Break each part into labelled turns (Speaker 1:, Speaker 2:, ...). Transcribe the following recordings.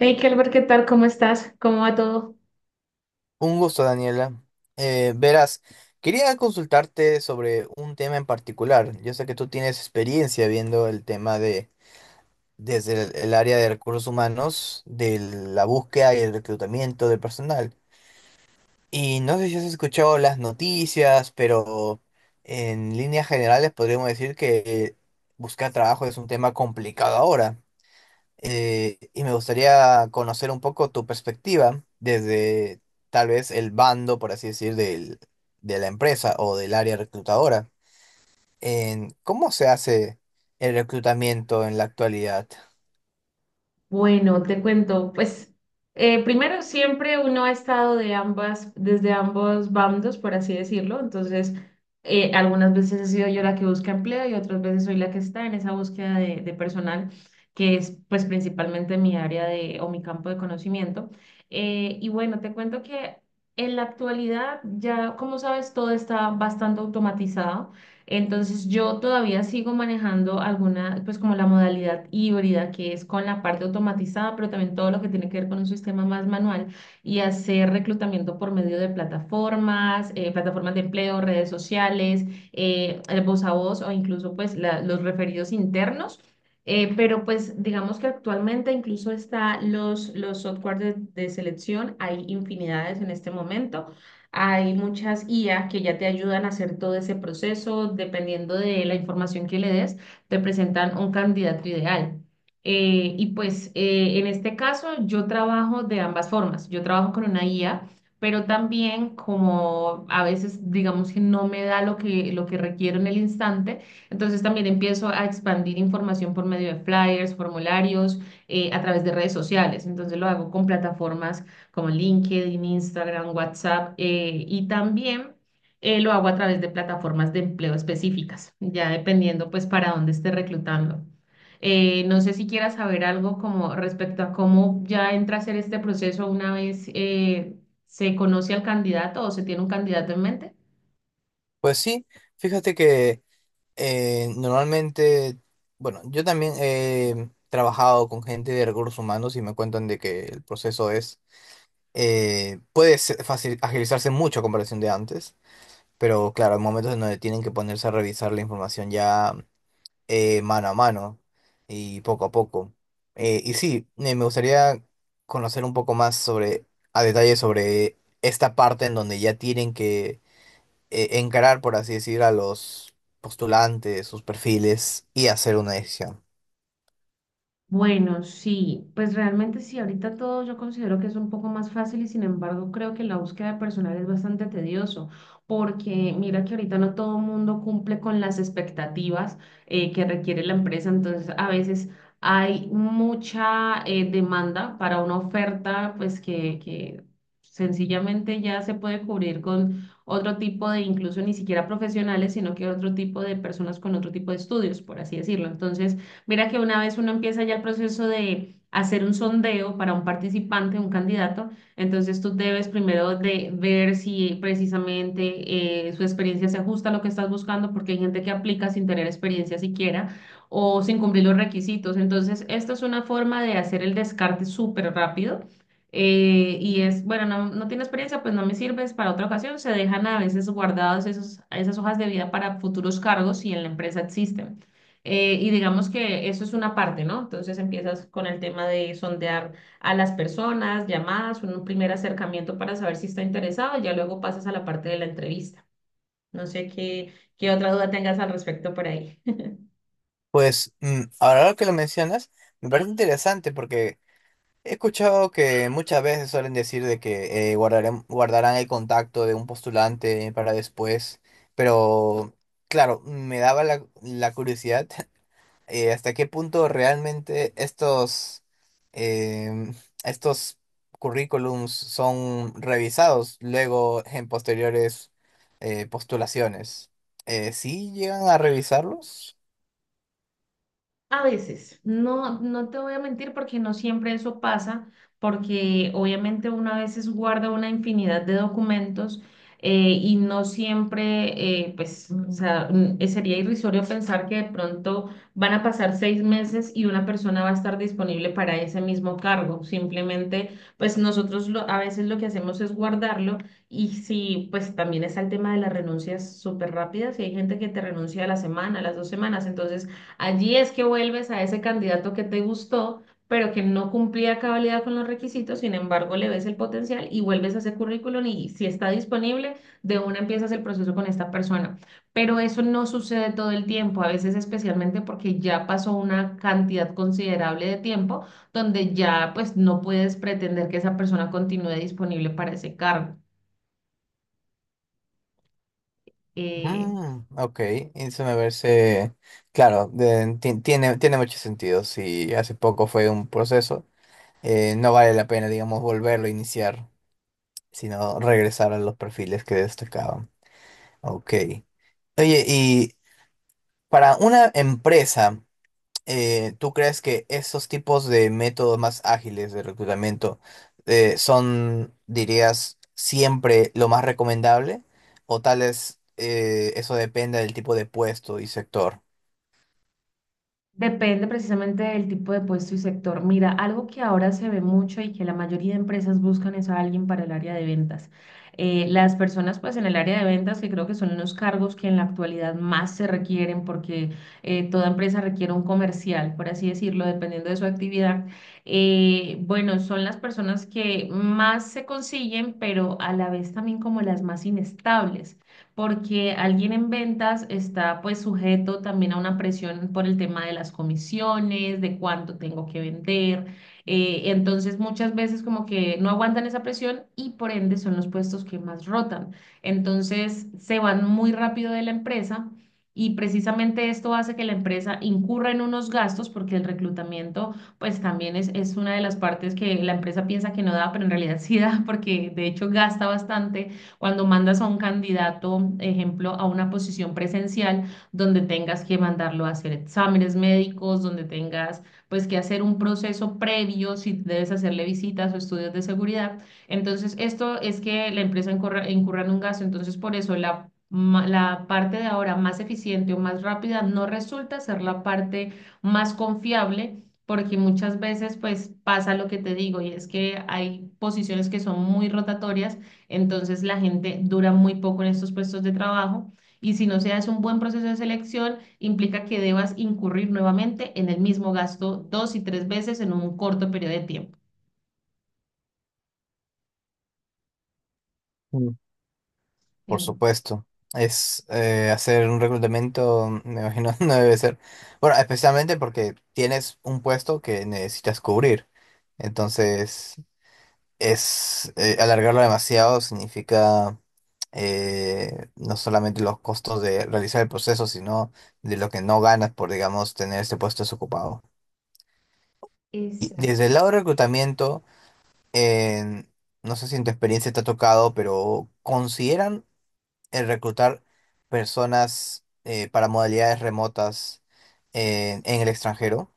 Speaker 1: Hey, Kelber, ¿qué tal? ¿Cómo estás? ¿Cómo va todo?
Speaker 2: Un gusto, Daniela. Verás, quería consultarte sobre un tema en particular. Yo sé que tú tienes experiencia viendo el tema de desde el área de recursos humanos, de la búsqueda y el reclutamiento de personal. Y no sé si has escuchado las noticias, pero en líneas generales podríamos decir que buscar trabajo es un tema complicado ahora y me gustaría conocer un poco tu perspectiva desde tal vez el bando, por así decir, de la empresa o del área reclutadora, en cómo se hace el reclutamiento en la actualidad.
Speaker 1: Bueno, te cuento, pues primero siempre uno ha estado de ambas, desde ambos bandos, por así decirlo. Entonces algunas veces he sido yo la que busca empleo y otras veces soy la que está en esa búsqueda de personal, que es pues principalmente mi área de, o mi campo de conocimiento. Y bueno, te cuento que en la actualidad ya, como sabes, todo está bastante automatizado. Entonces yo todavía sigo manejando alguna, pues como la modalidad híbrida, que es con la parte automatizada, pero también todo lo que tiene que ver con un sistema más manual y hacer reclutamiento por medio de plataformas, plataformas de empleo, redes sociales, el voz a voz o incluso pues los referidos internos. Pero pues digamos que actualmente incluso está los software de selección, hay infinidades en este momento. Hay muchas IA que ya te ayudan a hacer todo ese proceso. Dependiendo de la información que le des, te presentan un candidato ideal. En este caso yo trabajo de ambas formas. Yo trabajo con una IA, pero también como a veces digamos que no me da lo que requiero en el instante. Entonces también empiezo a expandir información por medio de flyers, formularios, a través de redes sociales. Entonces lo hago con plataformas como LinkedIn, Instagram, WhatsApp, y también lo hago a través de plataformas de empleo específicas, ya dependiendo pues para dónde esté reclutando. No sé si quieras saber algo como respecto a cómo ya entra a ser este proceso una vez se conoce al candidato o se tiene un candidato en mente.
Speaker 2: Pues sí, fíjate que normalmente, bueno, yo también he trabajado con gente de recursos humanos y me cuentan de que el proceso es, puede ser agilizarse mucho a comparación de antes. Pero claro, hay momentos en donde tienen que ponerse a revisar la información ya mano a mano y poco a poco. Y sí, me gustaría conocer un poco más sobre, a detalle sobre esta parte en donde ya tienen que encarar, por así decir, a los postulantes, sus perfiles y hacer una decisión.
Speaker 1: Bueno, sí, pues realmente sí, ahorita todo yo considero que es un poco más fácil y sin embargo creo que la búsqueda de personal es bastante tedioso, porque mira que ahorita no todo el mundo cumple con las expectativas que requiere la empresa. Entonces a veces hay mucha demanda para una oferta pues que sencillamente ya se puede cubrir con otro tipo de, incluso ni siquiera profesionales, sino que otro tipo de personas con otro tipo de estudios, por así decirlo. Entonces... Mira que una vez uno empieza ya el proceso de hacer un sondeo para un participante, un candidato, entonces tú debes primero de ver si precisamente su experiencia se ajusta a lo que estás buscando, porque hay gente que aplica sin tener experiencia siquiera o sin cumplir los requisitos. Entonces, esta es una forma de hacer el descarte súper rápido. Y es, bueno, no tiene experiencia, pues no me sirves para otra ocasión. Se dejan a veces guardados esas hojas de vida para futuros cargos si en la empresa existen. Y digamos que eso es una parte, ¿no? Entonces empiezas con el tema de sondear a las personas, llamadas, un primer acercamiento para saber si está interesado, y ya luego pasas a la parte de la entrevista. No sé qué otra duda tengas al respecto por ahí.
Speaker 2: Pues mm, ahora que lo mencionas, me parece interesante porque he escuchado que muchas veces suelen decir de que guardarán el contacto de un postulante para después, pero claro, me daba la curiosidad hasta qué punto realmente em, estos currículums son revisados luego en posteriores postulaciones. ¿Sí llegan a revisarlos?
Speaker 1: A veces, no, no te voy a mentir porque no siempre eso pasa, porque obviamente uno a veces guarda una infinidad de documentos eh, y no siempre, sería irrisorio pensar que de pronto van a pasar seis meses y una persona va a estar disponible para ese mismo cargo. Simplemente, pues nosotros a veces lo que hacemos es guardarlo, y si, pues también está el tema de las renuncias súper rápidas y hay gente que te renuncia a la semana, a las dos semanas, entonces... Allí es que vuelves a ese candidato que te gustó, pero que no cumplía a cabalidad con los requisitos. Sin embargo, le ves el potencial y vuelves a ese currículum, y si está disponible, de una empiezas el proceso con esta persona. Pero eso no sucede todo el tiempo, a veces especialmente porque ya pasó una cantidad considerable de tiempo donde ya pues no puedes pretender que esa persona continúe disponible para ese cargo. Eh,
Speaker 2: Mm, ok, eso me parece, claro, tiene mucho sentido. Si hace poco fue un proceso, no vale la pena, digamos, volverlo a iniciar, sino regresar a los perfiles que destacaban. Ok. Oye, y para una empresa, ¿tú crees que esos tipos de métodos más ágiles de reclutamiento son, dirías, siempre lo más recomendable? ¿O tal vez eso depende del tipo de puesto y sector?
Speaker 1: Depende precisamente del tipo de puesto y sector. Mira, algo que ahora se ve mucho y que la mayoría de empresas buscan es a alguien para el área de ventas. Las personas pues en el área de ventas, que creo que son unos cargos que en la actualidad más se requieren, porque toda empresa requiere un comercial, por así decirlo, dependiendo de su actividad. Bueno, son las personas que más se consiguen, pero a la vez también como las más inestables, porque alguien en ventas está pues sujeto también a una presión por el tema de las comisiones, de cuánto tengo que vender. Entonces muchas veces como que no aguantan esa presión y por ende son los puestos que más rotan. Entonces se van muy rápido de la empresa. Y precisamente esto hace que la empresa incurra en unos gastos, porque el reclutamiento pues también es una de las partes que la empresa piensa que no da, pero en realidad sí da, porque de hecho gasta bastante cuando mandas a un candidato, ejemplo, a una posición presencial donde tengas que mandarlo a hacer exámenes médicos, donde tengas pues que hacer un proceso previo, si debes hacerle visitas o estudios de seguridad. Entonces, esto es que la empresa incurra en un gasto. Entonces, por eso la parte de ahora más eficiente o más rápida no resulta ser la parte más confiable. Porque muchas veces pues pasa lo que te digo, y es que hay posiciones que son muy rotatorias, entonces la gente dura muy poco en estos puestos de trabajo, y si no se hace un buen proceso de selección, implica que debas incurrir nuevamente en el mismo gasto dos y tres veces en un corto periodo de tiempo.
Speaker 2: Mm. Por
Speaker 1: Sí.
Speaker 2: supuesto. Es hacer un reclutamiento, me imagino, no debe ser. Bueno, especialmente porque tienes un puesto que necesitas cubrir. Entonces, es alargarlo demasiado significa no solamente los costos de realizar el proceso, sino de lo que no ganas por, digamos, tener este puesto desocupado. Y desde el
Speaker 1: Exacto.
Speaker 2: lado de reclutamiento, en- no sé si en tu experiencia te ha tocado, pero ¿consideran el reclutar personas para modalidades remotas en el extranjero?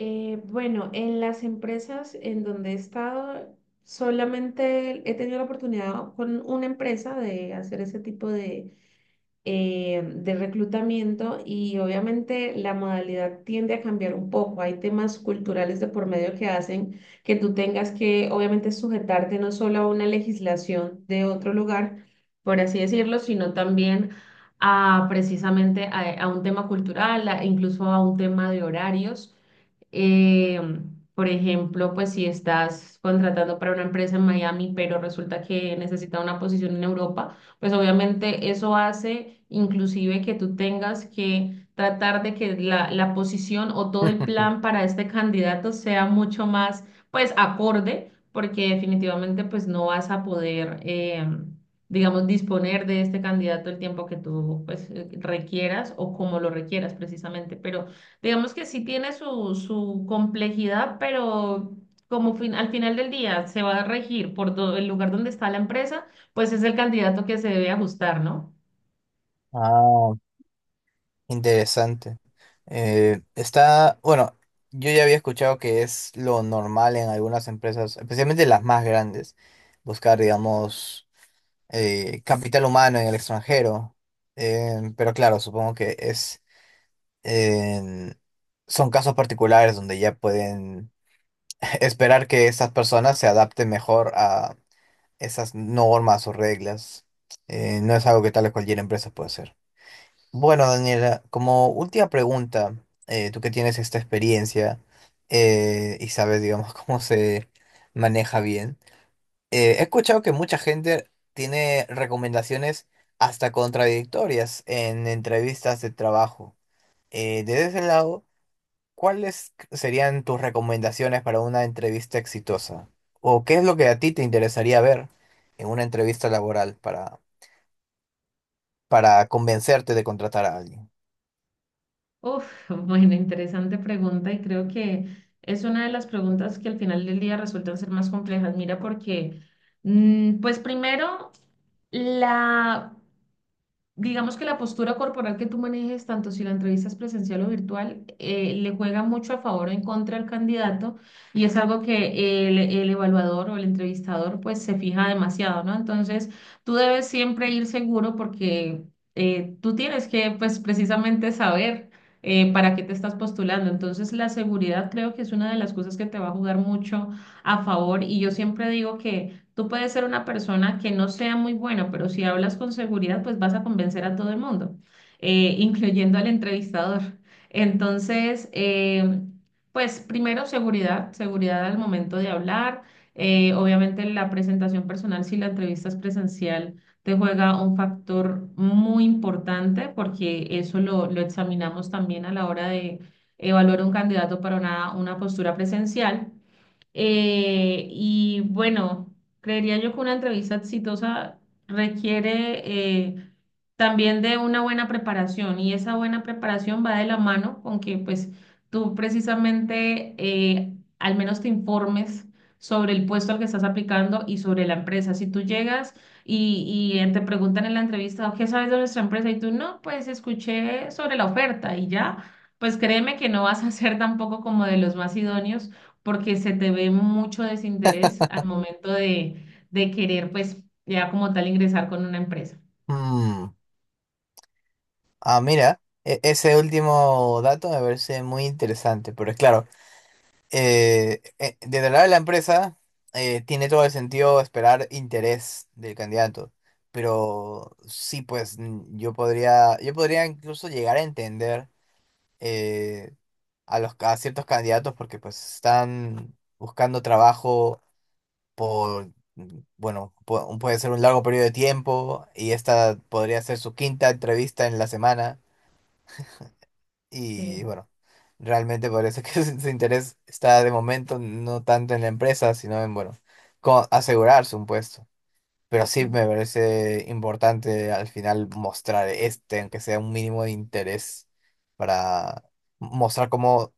Speaker 1: Bueno, en las empresas en donde he estado, solamente he tenido la oportunidad con una empresa de hacer ese tipo de reclutamiento, y obviamente la modalidad tiende a cambiar un poco. Hay temas culturales de por medio que hacen que tú tengas que obviamente sujetarte no solo a una legislación de otro lugar, por así decirlo, sino también a precisamente a un tema cultural, incluso a un tema de horarios. Eh, por ejemplo, pues si estás contratando para una empresa en Miami, pero resulta que necesita una posición en Europa, pues obviamente eso hace inclusive que tú tengas que tratar de que la posición o todo el plan para este candidato sea mucho más, pues, acorde, porque definitivamente, pues, no vas a poder, digamos, disponer de este candidato el tiempo que tú, pues, requieras o como lo requieras precisamente, pero... Digamos que sí tiene su complejidad, pero como al final del día se va a regir por el lugar donde está la empresa, pues es el candidato que se debe ajustar, ¿no?
Speaker 2: Ah, interesante. Está, bueno, yo ya había escuchado que es lo normal en algunas empresas, especialmente las más grandes, buscar, digamos, capital humano en el extranjero. Pero claro, supongo que es, en- son casos particulares donde ya pueden esperar que estas personas se adapten mejor esas normas o reglas. No es algo que tal vez cualquier empresa puede hacer. Bueno, Daniela, como última pregunta, tú que tienes esta experiencia y sabes, digamos, cómo se maneja bien, he escuchado que mucha gente tiene recomendaciones hasta contradictorias en entrevistas de trabajo. Desde ese lado... ¿Cuáles serían tus recomendaciones para una entrevista exitosa? ¿O qué es lo que a ti te interesaría ver en una entrevista laboral para convencerte de contratar a alguien?
Speaker 1: Uf, bueno, interesante pregunta, y creo que es una de las preguntas que al final del día resultan ser más complejas. Mira, porque, mm, pues primero, la digamos que la postura corporal que tú manejes, tanto si la entrevista es presencial o virtual, le juega mucho a favor o en contra al candidato, y es algo que el evaluador o el entrevistador pues se fija demasiado, ¿no? Entonces, tú debes siempre ir seguro, porque tú tienes que pues precisamente saber para qué te estás postulando. Entonces, la seguridad creo que es una de las cosas que te va a jugar mucho a favor, y yo siempre digo que tú puedes ser una persona que no sea muy buena, pero si hablas con seguridad, pues vas a convencer a todo el mundo, incluyendo al entrevistador. Entonces, pues primero seguridad, seguridad al momento de hablar. Obviamente la presentación personal, si la entrevista es presencial, te juega un factor muy importante, porque eso lo examinamos también a la hora de evaluar un candidato para una postura presencial. Y bueno, creería yo que una entrevista exitosa requiere eh, también de una buena preparación, y esa buena preparación va de la mano con que pues tú precisamente al menos te informes sobre el puesto al que estás aplicando y sobre la empresa. Si tú llegas y te preguntan en la entrevista, ¿qué sabes de nuestra empresa? Y tú no, pues escuché sobre la oferta y ya, pues créeme que no vas a ser tampoco como de los más idóneos, porque se te ve mucho desinterés al momento de querer, pues, ya como tal ingresar con una empresa.
Speaker 2: Mm, ah, mira, ese último dato me parece muy interesante, pero es claro, desde el lado de la empresa tiene todo el sentido esperar interés del candidato, pero sí, pues mm, yo podría incluso llegar a entender. eh, a los a ciertos candidatos porque pues están buscando trabajo por, mm, bueno, puede ser un largo periodo de tiempo y esta podría ser su quinta entrevista en la semana y
Speaker 1: Sí.
Speaker 2: bueno, realmente parece que su interés está de momento no tanto en la empresa, sino en, bueno, asegurarse un puesto. Pero sí me parece importante al final mostrar este, aunque sea un mínimo de interés, para mostrar cómo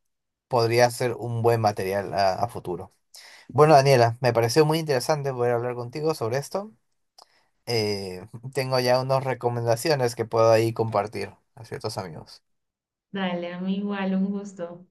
Speaker 2: podría ser un buen material a futuro. Bueno, Daniela, me pareció muy interesante poder hablar contigo sobre esto. Eh, Tengo ya unas recomendaciones que puedo ahí compartir a ciertos amigos.
Speaker 1: Dale, a mí igual, un gusto.